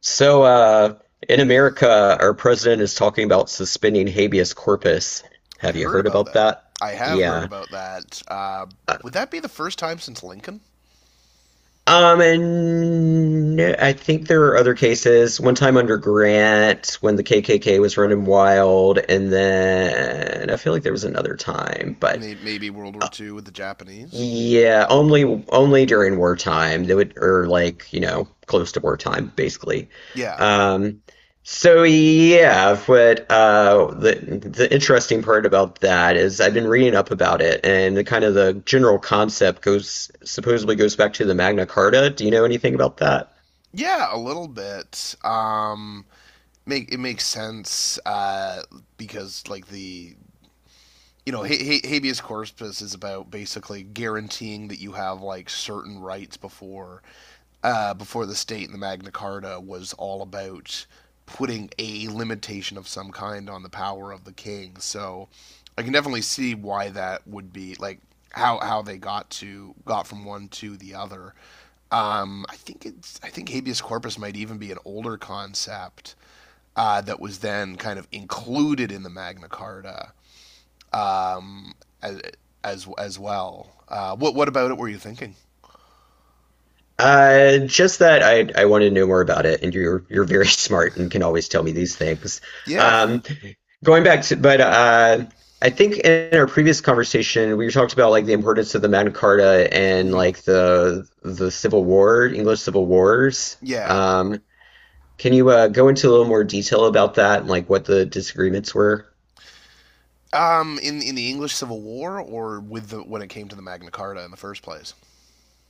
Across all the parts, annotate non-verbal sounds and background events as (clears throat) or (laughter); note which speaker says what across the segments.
Speaker 1: So, uh, in America, our president is talking about suspending habeas corpus.
Speaker 2: I
Speaker 1: Have you
Speaker 2: heard
Speaker 1: heard
Speaker 2: about
Speaker 1: about
Speaker 2: that.
Speaker 1: that?
Speaker 2: I have heard
Speaker 1: Yeah.
Speaker 2: about that.
Speaker 1: Uh,
Speaker 2: Would that be the first time since Lincoln?
Speaker 1: And no, I think there are other cases. One time under Grant, when the KKK was running wild, and then I feel like there was another time. But
Speaker 2: Maybe World War Two with the Japanese.
Speaker 1: yeah, only during wartime. They would, or like, you know, close to wartime, basically.
Speaker 2: Yeah,
Speaker 1: Um so yeah, but the interesting part about that is I've been reading up about it, and the kind of the general concept goes, supposedly goes back to the Magna Carta. Do you know anything about that?
Speaker 2: yeah, a little bit. Make it makes sense, because like the you know, ha- ha- habeas corpus is about basically guaranteeing that you have like certain rights before, before the state. And the Magna Carta was all about putting a limitation of some kind on the power of the king. So I can definitely see why that would be like how they got to got from one to the other. I think it's I think habeas corpus might even be an older concept that was then kind of included in the Magna Carta, um, as as well. What about it were you thinking?
Speaker 1: Just that I wanted to know more about it, and you're very (laughs) smart and can always tell me these things.
Speaker 2: Yeah,
Speaker 1: Um Going back to, but I think in our previous conversation, we talked about like the importance of the Magna Carta and
Speaker 2: hmm,
Speaker 1: like the Civil War, English Civil Wars.
Speaker 2: yeah.
Speaker 1: Um, can you go into a little more detail about that and like what the disagreements were?
Speaker 2: In the English Civil War, or with the when it came to the Magna Carta in the first place.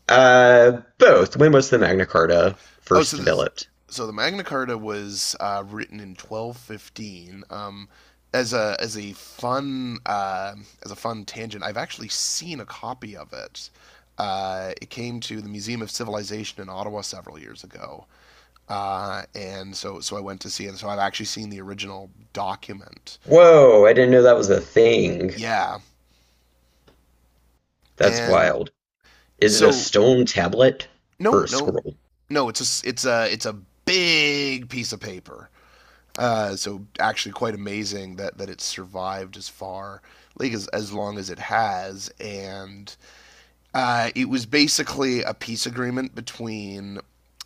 Speaker 1: Both. When was the Magna Carta
Speaker 2: Oh,
Speaker 1: first
Speaker 2: so the
Speaker 1: developed?
Speaker 2: Magna Carta was, written in 1215. As a fun tangent, I've actually seen a copy of it. It came to the Museum of Civilization in Ottawa several years ago, and so I went to see it. So I've actually seen the original document.
Speaker 1: Whoa, I didn't know that was a thing.
Speaker 2: Yeah,
Speaker 1: That's
Speaker 2: and
Speaker 1: wild. Is it a
Speaker 2: so
Speaker 1: stone tablet
Speaker 2: no,
Speaker 1: or a
Speaker 2: no,
Speaker 1: scroll?
Speaker 2: no. It's a big piece of paper. So actually, quite amazing that it survived as far like as long as it has. And it was basically a peace agreement between,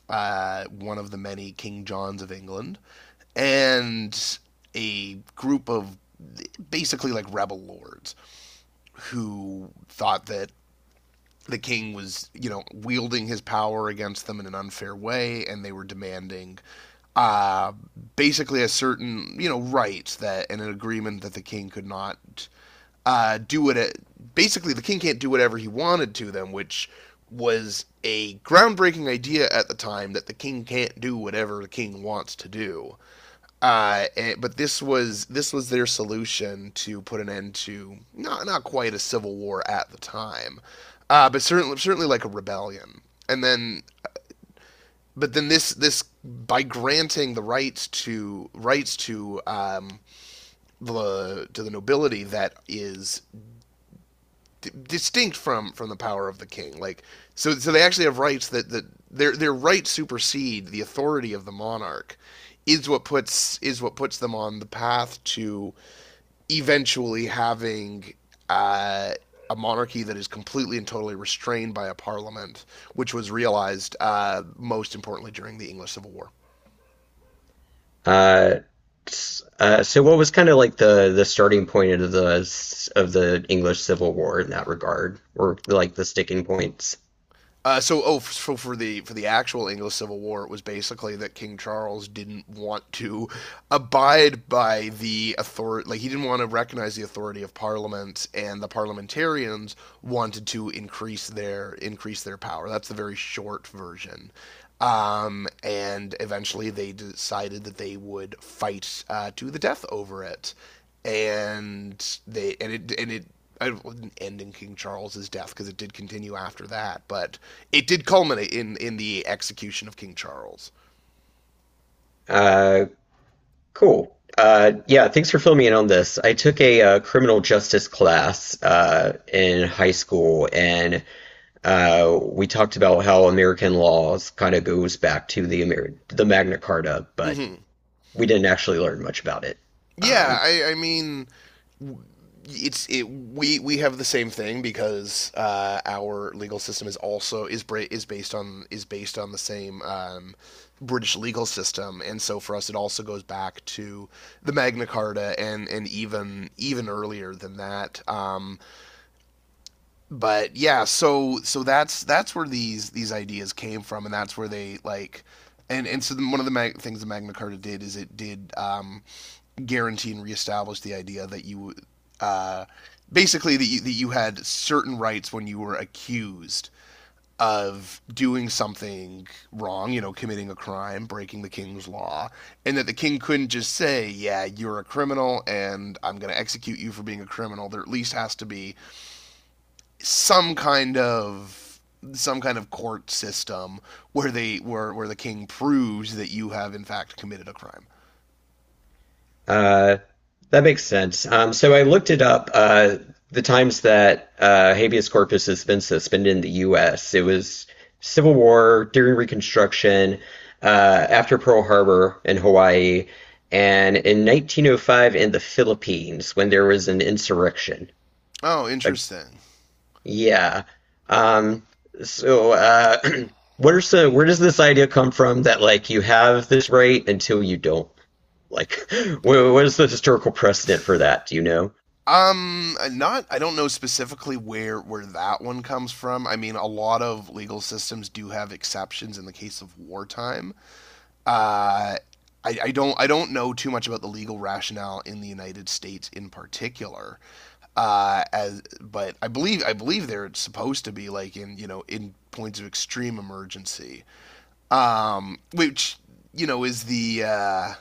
Speaker 2: one of the many King Johns of England and a group of basically like rebel lords who thought that the king was, you know, wielding his power against them in an unfair way, and they were demanding, uh, basically a certain, you know, right that and an agreement that the king could not, do it, basically the king can't do whatever he wanted to them, which was a groundbreaking idea at the time that the king can't do whatever the king wants to do. And, but this was their solution to put an end to not quite a civil war at the time, but certainly like a rebellion. And then but then this by granting the rights to rights to, the to the nobility that is distinct from the power of the king. Like so, they actually have rights that their rights supersede the authority of the monarch. Is what puts them on the path to eventually having, uh, a monarchy that is completely and totally restrained by a parliament, which was realized, most importantly during the English Civil War.
Speaker 1: Uh, so what was kind of like the starting point of the English Civil War in that regard, or like the sticking points?
Speaker 2: So for the actual English Civil War, it was basically that King Charles didn't want to abide by the authority, like he didn't want to recognize the authority of Parliament, and the parliamentarians wanted to increase their power. That's the very short version. And eventually, they decided that they would fight, to the death over it, and it I didn't end in King Charles's death because it did continue after that. But it did culminate in the execution of King Charles.
Speaker 1: Uh, cool. Yeah, thanks for filling me in on this. I took a criminal justice class in high school, and we talked about how American laws kind of goes back to the Magna Carta, but
Speaker 2: Hmm.
Speaker 1: we didn't actually learn much about it.
Speaker 2: Yeah,
Speaker 1: Um,
Speaker 2: I mean, we have the same thing because, our legal system is also is based on the same, British legal system, and so for us it also goes back to the Magna Carta and even earlier than that. But yeah, so that's where these ideas came from, and that's where they like. And so one of the things the Magna Carta did is it did, guarantee and reestablish the idea that you, uh, basically that you had certain rights when you were accused of doing something wrong, you know, committing a crime, breaking the king's law, and that the king couldn't just say, "Yeah, you're a criminal, and I'm going to execute you for being a criminal." There at least has to be some kind of some kind of court system where they where the king proves that you have in fact committed a crime.
Speaker 1: Uh, that makes sense. So I looked it up. The times that habeas corpus has been suspended in the U.S.: it was Civil War, during Reconstruction, after Pearl Harbor in Hawaii, and in 1905 in the Philippines when there was an insurrection.
Speaker 2: Oh,
Speaker 1: Uh,
Speaker 2: interesting.
Speaker 1: yeah. Um, so, uh, (clears throat) what are some, where does this idea come from that like you have this right until you don't? Like, (laughs) what is the historical precedent for that? Do you know?
Speaker 2: Not I don't know specifically where that one comes from. I mean, a lot of legal systems do have exceptions in the case of wartime. Uh, I don't know too much about the legal rationale in the United States in particular. As but I believe they're supposed to be like in, you know, in points of extreme emergency, which you know is the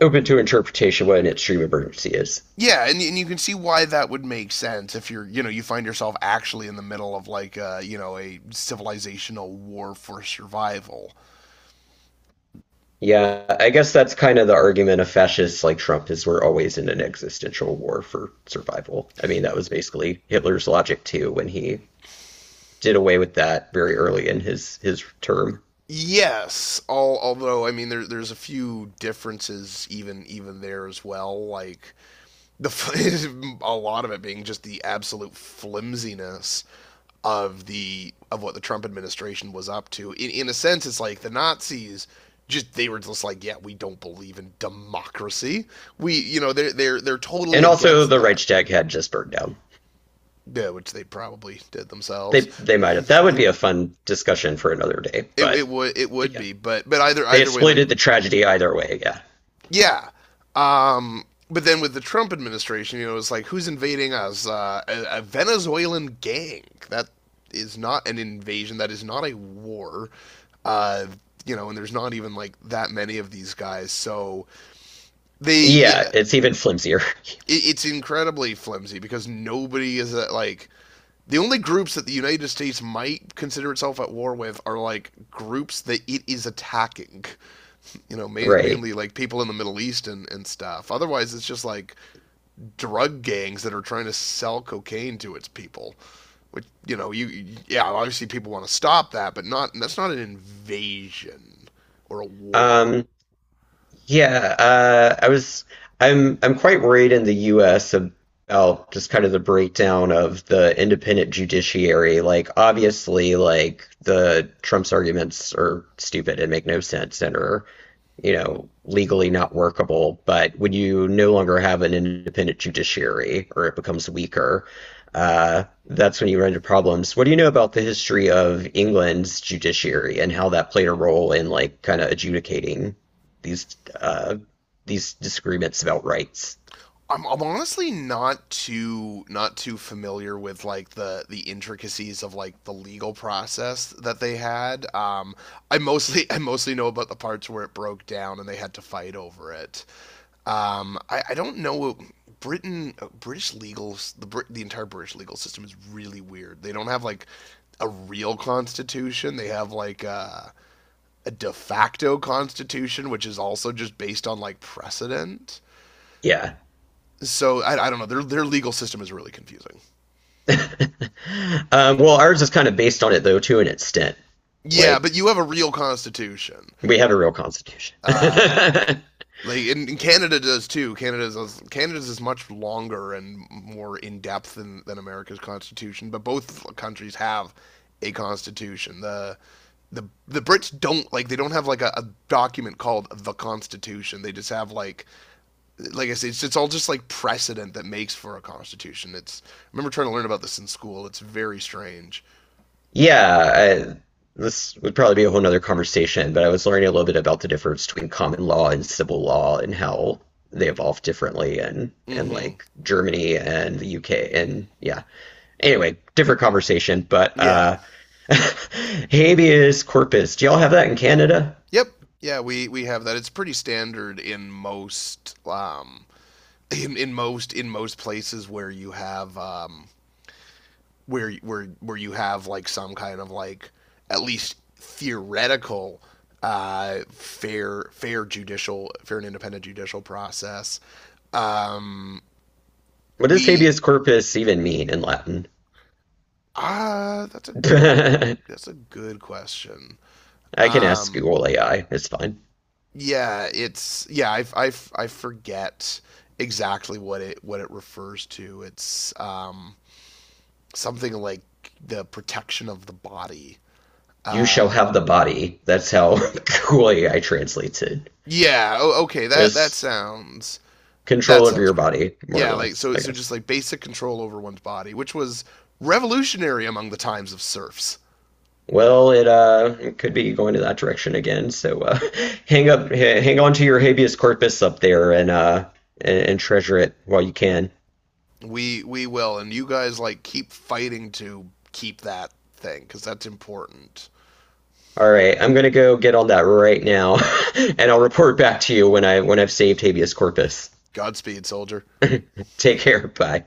Speaker 1: Open to interpretation what an extreme emergency is.
Speaker 2: yeah. And you can see why that would make sense if you're, you know, you find yourself actually in the middle of like a, you know, a civilizational war for survival.
Speaker 1: Yeah, I guess that's kind of the argument of fascists like Trump, is we're always in an existential war for survival. I mean, that was basically Hitler's logic too when he did away with that very early in his term.
Speaker 2: Yes, although I mean there's a few differences even there as well. Like the (laughs) a lot of it being just the absolute flimsiness of the of what the Trump administration was up to. In a sense, it's like the Nazis just they were just like, yeah, we don't believe in democracy. We you know they're totally
Speaker 1: And also
Speaker 2: against
Speaker 1: the
Speaker 2: that.
Speaker 1: Reichstag had just burned down.
Speaker 2: Yeah, which they probably did themselves.
Speaker 1: They might have. That would be a fun discussion for another day,
Speaker 2: It it would it
Speaker 1: but
Speaker 2: would
Speaker 1: yeah.
Speaker 2: be, but either
Speaker 1: They
Speaker 2: way, like
Speaker 1: exploited the tragedy either way, yeah.
Speaker 2: yeah. Um, but then with the Trump administration, you know, it's like who's invading us? A Venezuelan gang. That is not an invasion. That is not a war. Uh, you know, and there's not even like that many of these guys. So they,
Speaker 1: Yeah,
Speaker 2: yeah,
Speaker 1: it's even flimsier.
Speaker 2: it's incredibly flimsy because nobody is at, like the only groups that the United States might consider itself at war with are like groups that it is attacking. You know,
Speaker 1: (laughs) Right.
Speaker 2: mainly like people in the Middle East and stuff. Otherwise, it's just like drug gangs that are trying to sell cocaine to its people. Which you know, yeah, obviously people want to stop that, but not that's not an invasion or a war.
Speaker 1: Um, yeah, I was I'm quite worried in the US about just kind of the breakdown of the independent judiciary. Like obviously like the Trump's arguments are stupid and make no sense and are, you know, legally not workable. But when you no longer have an independent judiciary, or it becomes weaker, that's when you run into problems. What do you know about the history of England's judiciary and how that played a role in like kind of adjudicating these uh, these disagreements about rights?
Speaker 2: I'm honestly not too familiar with like the intricacies of like the legal process that they had. I mostly (laughs) I mostly know about the parts where it broke down and they had to fight over it. I don't know. Britain, British legal, the Brit, the entire British legal system is really weird. They don't have like a real constitution. They have like a de facto constitution, which is also just based on like precedent.
Speaker 1: Yeah.
Speaker 2: So I don't know. Their legal system is really confusing.
Speaker 1: (laughs) Well, ours is kind of based on it though, to an extent.
Speaker 2: Yeah,
Speaker 1: Like
Speaker 2: but you have a real constitution.
Speaker 1: we have a real constitution. (laughs)
Speaker 2: Uh, Like and Canada does too. Canada's is much longer and more in depth than America's constitution, but both countries have a constitution. The Brits don't like they don't have like a document called the Constitution. They just have like I said, it's all just like precedent that makes for a constitution. It's I remember trying to learn about this in school. It's very strange.
Speaker 1: Yeah, I, this would probably be a whole nother conversation, but I was learning a little bit about the difference between common law and civil law and how they evolve differently, and
Speaker 2: Mm-hmm.
Speaker 1: like Germany and the UK, and yeah. Anyway, different conversation, but
Speaker 2: Yeah.
Speaker 1: (laughs) habeas corpus. Do y'all have that in Canada?
Speaker 2: Yep. Yeah, we have that. It's pretty standard in most, in most places where you have, where you have like some kind of like at least theoretical, fair and independent judicial process. Um,
Speaker 1: What does
Speaker 2: we
Speaker 1: habeas corpus even mean in Latin?
Speaker 2: ah
Speaker 1: (laughs) I
Speaker 2: that's a good question.
Speaker 1: can ask
Speaker 2: Um,
Speaker 1: Google AI. It's fine.
Speaker 2: yeah, it's yeah I forget exactly what it refers to. It's, something like the protection of the body.
Speaker 1: You
Speaker 2: Uh,
Speaker 1: shall have the body. That's how (laughs) Google AI translates it.
Speaker 2: yeah, okay, that
Speaker 1: It's
Speaker 2: sounds
Speaker 1: control over your
Speaker 2: correct.
Speaker 1: body, more or
Speaker 2: Yeah, like
Speaker 1: less,
Speaker 2: so,
Speaker 1: I
Speaker 2: just
Speaker 1: guess.
Speaker 2: like basic control over one's body, which was revolutionary among the times of serfs.
Speaker 1: Well, it it could be going to that direction again. So (laughs) hang up, hang on to your habeas corpus up there, and and treasure it while you can.
Speaker 2: We will, and you guys like keep fighting to keep that thing because that's important.
Speaker 1: All right, I'm gonna go get on that right now, (laughs) and I'll report back to you when I when I've saved habeas corpus.
Speaker 2: Godspeed, soldier.
Speaker 1: Take care. Bye.